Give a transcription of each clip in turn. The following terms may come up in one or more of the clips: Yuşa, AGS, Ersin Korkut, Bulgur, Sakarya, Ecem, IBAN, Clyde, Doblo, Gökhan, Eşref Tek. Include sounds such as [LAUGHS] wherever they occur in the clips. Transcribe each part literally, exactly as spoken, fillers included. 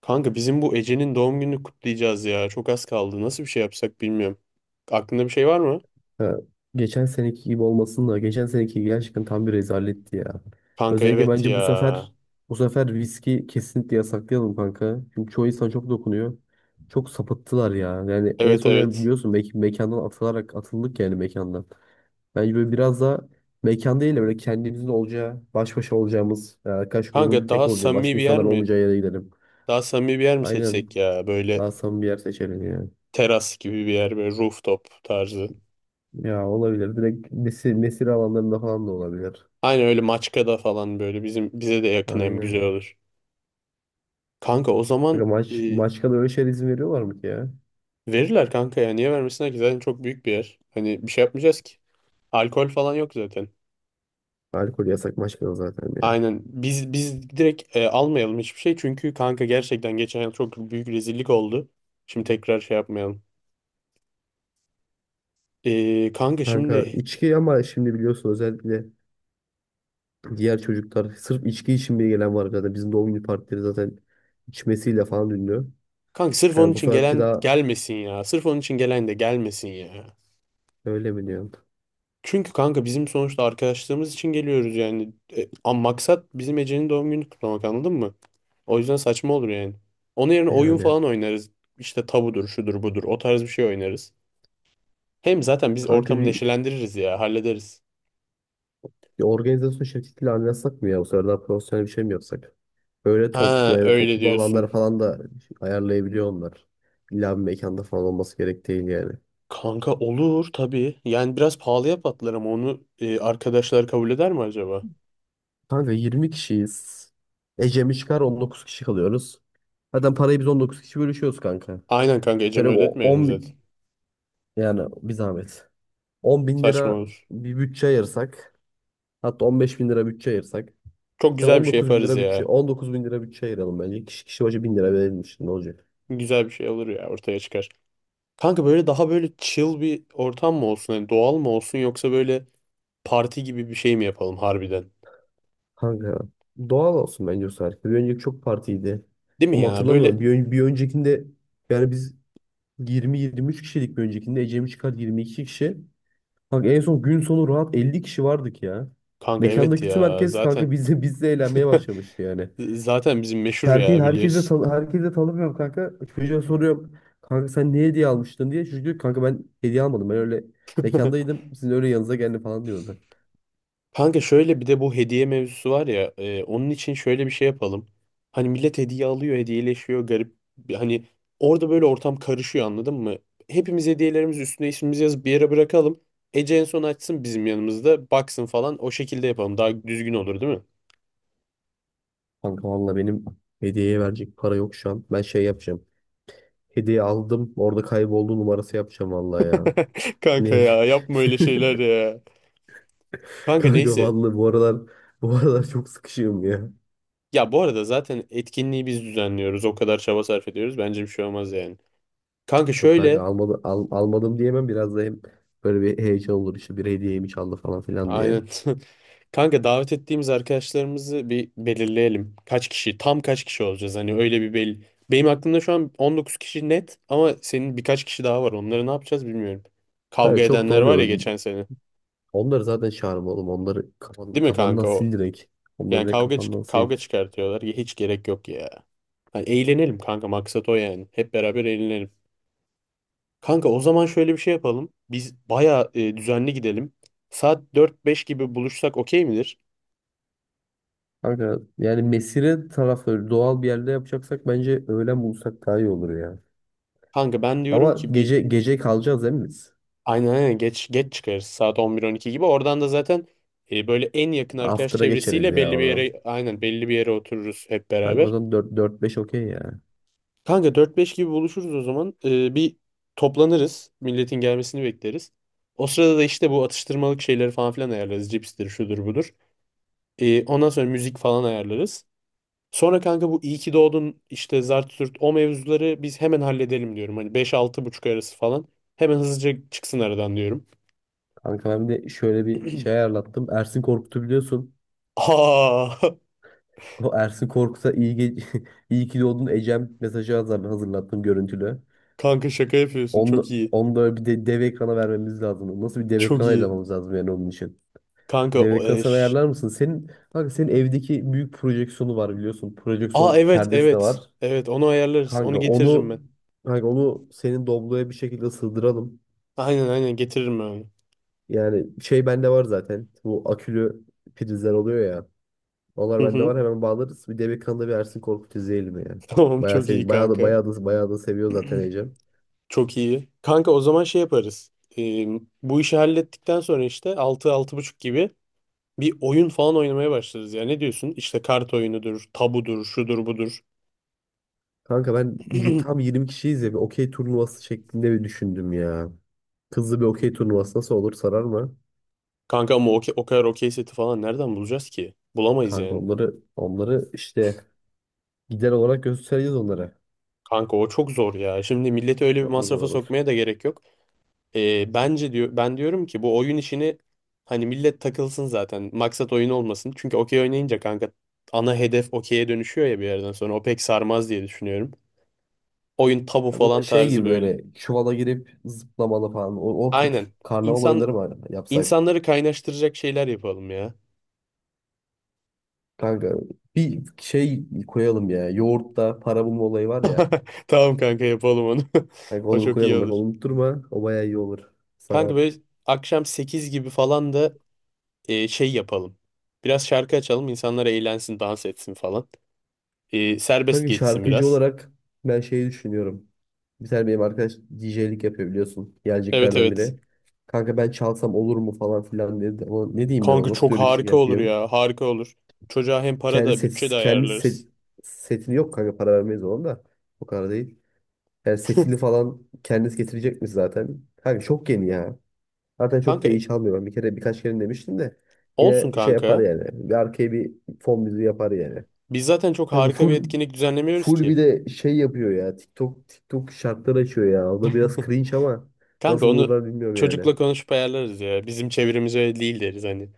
Kanka bizim bu Ece'nin doğum gününü kutlayacağız ya. Çok az kaldı. Nasıl bir şey yapsak bilmiyorum. Aklında bir şey var mı? Ha, geçen seneki gibi olmasın da geçen seneki gerçekten tam bir rezaletti ya. Kanka Özellikle evet bence ya. bu sefer bu sefer viski kesinlikle yasaklayalım kanka. Çünkü çoğu insan çok dokunuyor. Çok sapıttılar ya. Yani en Evet, son yani evet. biliyorsun mek- mekandan atılarak atıldık yani mekandan. Bence böyle biraz da mekan değil de böyle kendimizin olacağı, baş başa olacağımız, yani arkadaş grubunun Kanka tek daha olacağı, samimi başka bir yer insanlar mi? olmayacağı yere gidelim. Daha samimi bir yer mi Aynen. seçsek ya? Böyle Daha samimi bir yer seçelim yani. teras gibi bir yer. Böyle rooftop tarzı. Ya olabilir. Direkt nesil, nesil alanlarında falan da olabilir. Aynen öyle Maçka'da falan böyle. Bizim bize de yakın hem güzel Aynen. olur. Kanka o zaman Kanka maç, e, maçkada öyle şeyler izin veriyorlar mı ki ya? verirler kanka ya. Niye vermesinler ki? Zaten çok büyük bir yer. Hani bir şey yapmayacağız ki. Alkol falan yok zaten. Alkol yasak maçkada zaten ya. Aynen. Biz biz direkt e, almayalım hiçbir şey. Çünkü kanka gerçekten geçen yıl çok büyük rezillik oldu. Şimdi tekrar şey yapmayalım. E, kanka Kanka şimdi içki ama şimdi biliyorsun özellikle diğer çocuklar sırf içki için bile gelen var zaten. Bizim doğum günü partileri zaten içmesiyle falan ünlü. kanka sırf onun Yani bu için seferki gelen daha gelmesin ya. Sırf onun için gelen de gelmesin ya. öyle mi diyorsun? Çünkü kanka bizim sonuçta arkadaşlığımız için geliyoruz yani. E, ama maksat bizim Ece'nin doğum gününü kutlamak anladın mı? O yüzden saçma olur yani. Onun yerine oyun Yani falan oynarız. İşte tabudur, şudur, budur. O tarz bir şey oynarız. Hem zaten biz kanka ortamı bir, neşelendiririz ya, hallederiz. bir organizasyon şirketiyle anlaşsak mı ya? Bu sefer daha profesyonel bir şey mi yapsak? Böyle top, Ha, yani öyle toplu alanlar diyorsun. falan da ayarlayabiliyor onlar. İlla bir mekanda falan olması gerek değil yani. Kanka olur tabii. Yani biraz pahalıya patlar ama onu e, arkadaşlar kabul eder mi acaba? Kanka yirmi kişiyiz. Ecem'i çıkar on dokuz kişi kalıyoruz. Zaten parayı biz on dokuz kişi bölüşüyoruz kanka. Aynen kanka, Şöyle Ecem'e o- ödetmeyelim on zaten. bin yani bir zahmet. on bin Saçma lira olur. bir bütçe ayırsak. Hatta on beş bin lira bütçe ayırsak. Çok Yani güzel bir şey on dokuz bin yaparız lira bütçe ya. on dokuz bin lira bütçe ayıralım bence. Kişi kişi başı bin lira verilmiş ne olacak? Güzel bir şey olur ya, ortaya çıkar. Kanka böyle daha böyle chill bir ortam mı olsun? Hani doğal mı olsun yoksa böyle parti gibi bir şey mi yapalım harbiden? Kanka doğal olsun bence o sefer. Bir önceki çok partiydi. Değil mi Ama ya? Böyle hatırlamıyorum. Bir, ön- bir öncekinde yani biz yirmi yirmi üç kişilik bir öncekinde Ecem'i çıkar yirmi iki kişi. Kanka en son gün sonu rahat elli kişi vardık ya. kanka evet Mekandaki tüm ya, herkes kanka zaten bizle bizle eğlenmeye başlamıştı yani. zaten bizim meşhur Herkes ya, herkese biliyorsun. tan herkese tanımıyorum kanka. Çocuğa soruyorum. Kanka sen ne hediye almıştın diye. Çocuk diyor ki, kanka ben hediye almadım. Ben öyle [LAUGHS] mekandaydım. Sizin öyle yanınıza geldim falan diyordu. Kanka şöyle bir de bu hediye mevzusu var ya, e, onun için şöyle bir şey yapalım. Hani millet hediye alıyor, hediyeleşiyor garip. bir- Hani orada böyle ortam karışıyor anladın mı? Hepimiz hediyelerimiz üstüne ismimizi yazıp bir yere bırakalım. Ece en son açsın, bizim yanımızda baksın falan, o şekilde yapalım. Daha düzgün olur, değil mi? Kanka valla benim hediyeye verecek para yok şu an. Ben şey yapacağım. Hediye aldım. Orada kayboldu numarası yapacağım valla ya. [LAUGHS] Kanka Şimdi ya, yapma öyle şeyler [LAUGHS] ya. Kanka kanka neyse. valla bu aralar bu aralar çok sıkışığım ya. Ya bu arada zaten etkinliği biz düzenliyoruz. O kadar çaba sarf ediyoruz. Bence bir şey olmaz yani. Kanka Yok kanka şöyle. almadım, al, almadım diyemem. Biraz da hem böyle bir heyecan olur işte bir hediyeyi mi çaldı falan filan diye. Aynen. [LAUGHS] Kanka davet ettiğimiz arkadaşlarımızı bir belirleyelim. Kaç kişi, tam kaç kişi olacağız? Hani öyle bir belli. Benim aklımda şu an on dokuz kişi net, ama senin birkaç kişi daha var. Onları ne yapacağız bilmiyorum. Kanka Kavga çok da edenler var ya olmuyor. geçen sene. Onları zaten çağırma oğlum. Onları kafan, Değil mi kafandan kanka sil o? direkt. Onları Yani direkt kavga kafandan çık- sil. kavga çıkartıyorlar. Ya hiç gerek yok ya. Hani eğlenelim kanka, maksat o yani. Hep beraber eğlenelim. Kanka o zaman şöyle bir şey yapalım. Biz bayağı e, düzenli gidelim. Saat dört beş gibi buluşsak okey midir? Kanka yani mesire tarafı doğal bir yerde yapacaksak bence öğlen bulsak daha iyi olur ya. Kanka ben diyorum Ama ki bir. gece gece kalacağız değil mi biz? Aynen, aynen, geç geç çıkarız saat on bir on iki gibi. Oradan da zaten e, böyle en yakın arkadaş After'a geçeriz çevresiyle ya belli bir oradan. yere aynen belli bir yere otururuz hep Kanka o beraber. zaman dört beş okey ya. Kanka dört beş gibi buluşuruz o zaman. E, bir toplanırız. Milletin gelmesini bekleriz. O sırada da işte bu atıştırmalık şeyleri falan filan ayarlarız. Cipstir, şudur budur. E, ondan sonra müzik falan ayarlarız. Sonra kanka bu iyi ki doğdun işte zart zurt o mevzuları biz hemen halledelim diyorum. Hani beş altı buçuk arası falan. Hemen hızlıca çıksın aradan diyorum. Kanka ben bir de şöyle bir şey ayarlattım. Ersin Korkut'u biliyorsun. Aa. [LAUGHS] O Ersin Korkut'a iyi, ge- [LAUGHS] iyi ki doğdun Ecem mesajı hazır- hazırlattım görüntülü. Kanka şaka yapıyorsun. Onu, da- Çok iyi. onu da bir de dev ekrana vermemiz lazım. Nasıl bir dev Çok ekran iyi. ayarlamamız lazım yani onun için. Kanka Dev o ekran sen eş. ayarlar mısın? Senin, kanka senin evdeki büyük projeksiyonu var biliyorsun. Aa, Projeksiyon evet perdesi de evet. var. Evet, onu ayarlarız. Onu Kanka getiririm onu ben. kanka onu senin Doblo'ya bir şekilde sığdıralım. Aynen, aynen, getiririm ben onu. Yani şey bende var zaten. Bu akülü prizler oluyor ya. Hı Onlar bende hı. var hemen bağlarız. Bir Demek Han'da bir Ersin Korkut izleyelim yani. [LAUGHS] Tamam, Bayağı çok iyi sevindim. Bayağı da, kanka. bayağı da, bayağı da seviyor zaten [CLEARS THROAT] Ecem. Çok iyi. Kanka o zaman şey yaparız. Ee, bu işi hallettikten sonra işte altı altı buçuk gibi bir oyun falan oynamaya başlarız ya. Ne diyorsun? İşte kart oyunudur, tabudur, şudur budur. Kanka ben bir- tam [CLEARS THROAT] yirmi kişiyiz ya bir okey turnuvası şeklinde bir düşündüm ya. Kızlı bir okey turnuvası nasıl olur sarar mı? Kanka ama o, o kadar okey seti falan nereden bulacağız ki? Bulamayız Kanka yani. onları onları işte gider olarak göstereceğiz onlara. Kanka o çok zor ya. Şimdi milleti öyle bir Çok mu zor masrafa olur? sokmaya da gerek yok. Ee, bence diyor, ben diyorum ki bu oyun işini hani millet takılsın zaten. Maksat oyun olmasın. Çünkü okey oynayınca kanka ana hedef okey'e dönüşüyor ya bir yerden sonra. O pek sarmaz diye düşünüyorum. Oyun tabu Ya bu da falan şey tarzı gibi böyle. böyle çuvala girip zıplamalı falan. O, o tür Aynen. karnaval İnsan oyunları var yapsak. insanları kaynaştıracak şeyler yapalım ya. Kanka bir şey koyalım ya. Yoğurtta para bulma olayı var ya. [LAUGHS] Tamam kanka, yapalım onu. Kanka [LAUGHS] O onu bir çok iyi koyalım bak olur. onu unutturma. O bayağı iyi olur. Kanka Sarar. böyle akşam sekiz gibi falan da e, şey yapalım. Biraz şarkı açalım, insanlar eğlensin, dans etsin falan. E, serbest Kanka geçsin şarkıcı biraz. olarak ben şeyi düşünüyorum. Bir tane benim arkadaş D J'lik yapıyor biliyorsun. Evet, Geleceklerden evet. biri. Kanka ben çalsam olur mu falan filan dedi. Ama ne diyeyim ben ona Kanka nasıl çok dönüş harika olur yapayım? ya, harika olur. Çocuğa hem para Kendi da bütçe set, de kendi set, ayarlarız. setini yok kanka para vermeyiz ona da. O kadar değil. Yani setini falan kendisi getirecek mi zaten? Kanka çok yeni ya. Zaten çok Kanka da iyi çalmıyor. Ben bir kere birkaç kere demiştim de. olsun Yine şey yapar kanka. yani. Bir arkaya bir fon müziği yapar yani. Biz zaten çok Kanka harika bir full etkinlik düzenlemiyoruz full bir ki. de şey yapıyor ya. TikTok TikTok şartlar açıyor ya. O da biraz cringe ama Kanka nasıl onu olurlar bilmiyorum yani. çocukla konuşup ayarlarız ya. Bizim çevremiz öyle değil deriz hani.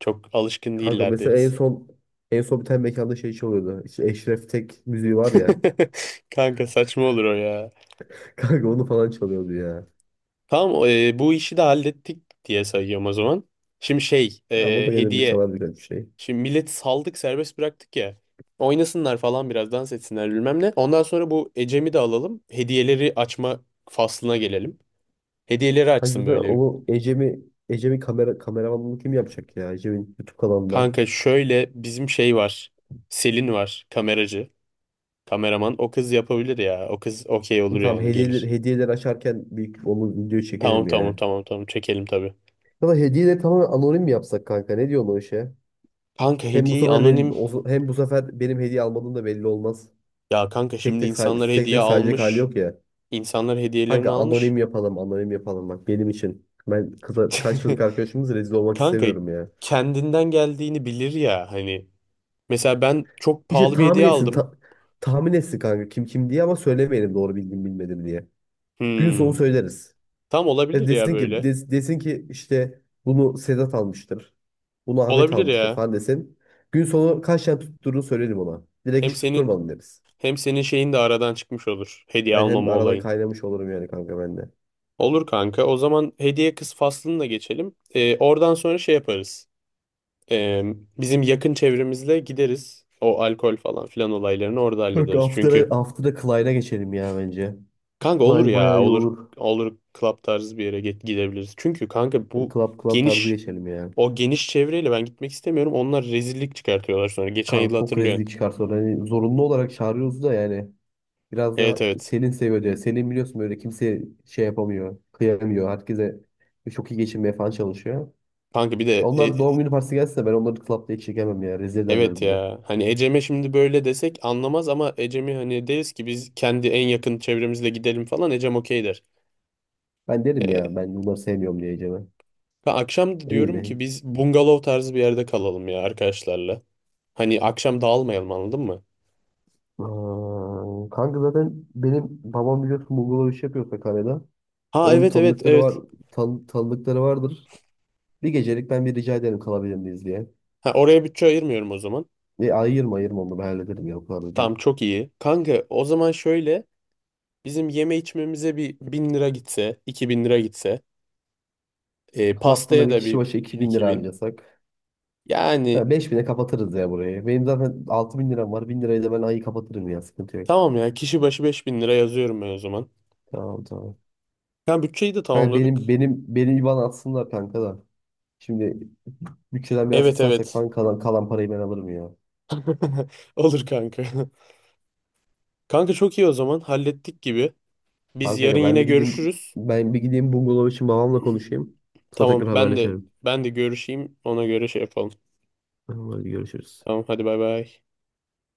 Çok alışkın Kanka değiller mesela en deriz. son en son bir tane mekanda şey çalıyordu. İşte Eşref Tek müziği var ya. [LAUGHS] Kanka saçma olur o ya. [LAUGHS] Kanka onu falan çalıyordu ya. Tamam, e, bu işi de hallettik diye sayıyorum o zaman. Şimdi şey, Ya o e, da gelir bir hediye. çalar birkaç bir şey. Şimdi milleti saldık, serbest bıraktık ya. Oynasınlar falan, biraz dans etsinler bilmem ne. Ondan sonra bu Ecem'i de alalım. Hediyeleri açma faslına gelelim. Hediyeleri Hani açsın zaten böyle. onu Ecem'i Ecem'in kamera kameramanlığını kim yapacak ya? Ecem'in YouTube kanalında. Kanka şöyle bizim şey var. Selin var, kameracı. Kameraman o kız yapabilir ya. O kız okey olur Tamam yani, gelir. hediyeleri, hediyeleri açarken bir onu video Tamam, çekelim tamam, ya. tamam, tamam, çekelim tabii. Ya da hediyeleri tamamen anonim mi yapsak kanka? Ne diyorsun o işe? Kanka Hem bu hediyeyi sefer benim anonim. O- hem bu sefer benim hediye almadığım da belli olmaz. Ya kanka, Tek şimdi tek say, insanlar tek hediye tek sayacak hali almış. yok ya. İnsanlar hediyelerini Kanka almış. anonim yapalım, anonim yapalım bak benim için. Ben kıza kaç yıllık [LAUGHS] arkadaşımız rezil olmak Kanka istemiyorum ya. kendinden geldiğini bilir ya hani. Mesela ben çok İşte pahalı bir tahmin hediye etsin aldım. ta- tahmin etsin kanka kim kim diye ama söylemeyelim doğru bildim bilmedim diye. Gün Hmm, sonu söyleriz. tam Ya olabilir ya desin ki böyle. des- desin ki işte bunu Sedat almıştır. Bunu Ahmet Olabilir almıştır ya. falan desin. Gün sonu kaç tane tutturduğunu söylerim ona. Direkt Hem hiç senin tutturmadım deriz. hem senin şeyin de aradan çıkmış olur. Hediye Yani hem almama aradan olayın. kaynamış olurum yani kanka ben de. Olur kanka. O zaman hediye kız faslını da geçelim. Ee, oradan sonra şey yaparız. Ee, bizim yakın çevremizle gideriz. O alkol falan filan olaylarını orada Bak hallederiz. after'a Çünkü after'a Clyde'a geçelim ya bence. kanka olur Clyde bayağı ya, iyi olur, olur. olur club tarzı bir yere git, gidebiliriz. Çünkü kanka bu Club club tarzı geniş geçelim ya. o geniş çevreyle ben gitmek istemiyorum. Onlar rezillik çıkartıyorlar sonra. Geçen yıl Kanka çok hatırlıyorsun. rezillik çıkarsa orada. Yani zorunlu olarak çağırıyoruz da yani. Biraz daha Evet, evet. senin seviyor diye. Senin biliyorsun böyle kimse şey yapamıyor. Kıyamıyor. Herkese çok iyi geçinmeye falan çalışıyor. Kanka bir de e- Onlar e- doğum günü partisi gelse de ben onları club'da hiç çekemem ya. Rezil ederler evet bizi. ya. Hani Ecem'e şimdi böyle desek anlamaz, ama Ecem'i hani deriz ki biz kendi en yakın çevremizle gidelim falan, Ecem okey der. Ben derim ya E, ben bunları sevmiyorum diyeceğime. ben akşam Ne bileyim diyorum ki ben. biz bungalov tarzı bir yerde kalalım ya, arkadaşlarla. Hani akşam dağılmayalım, anladın mı? Aa, kanka zaten benim babam biliyorsun Bulgur'la iş yapıyor Sakarya'da. Ha Onun evet, evet, tanıdıkları var, evet. tan tanıdıkları vardır. Bir gecelik ben bir rica ederim kalabilir miyiz diye. Ha, oraya bütçe ayırmıyorum o zaman. E, ayırma ayırma onu ben hallederim ya o kadar da Tam değil. çok iyi. Kanka o zaman şöyle, bizim yeme içmemize bir bin lira gitse, iki bin lira gitse, e, Club'da da pastaya bir da kişi bir başı bin iki bin iki lira bin. harcasak. Yani Ha, beş bine kapatırız ya burayı. Benim zaten altı bin liram var. Bin lirayı da ben ayı kapatırım ya sıkıntı yok. tamam ya, kişi başı beş bin lira yazıyorum ben o zaman. Tamam tamam. Kanka bütçeyi de Kanka tamamladık. benim benim benim IBAN atsınlar kanka da. Şimdi bütçeden biraz Evet, kısarsak evet. falan kalan, kalan parayı ben alırım ya. [LAUGHS] Olur kanka. Kanka çok iyi, o zaman hallettik gibi. Biz Tamam yarın kanka ben yine bir gideyim görüşürüz. ben bir gideyim bungalov için babamla konuşayım. Sonra Tamam, tekrar ben de haberleşelim. ben de görüşeyim, ona göre şey yapalım. Tamam, hadi görüşürüz. Tamam, hadi bay bay.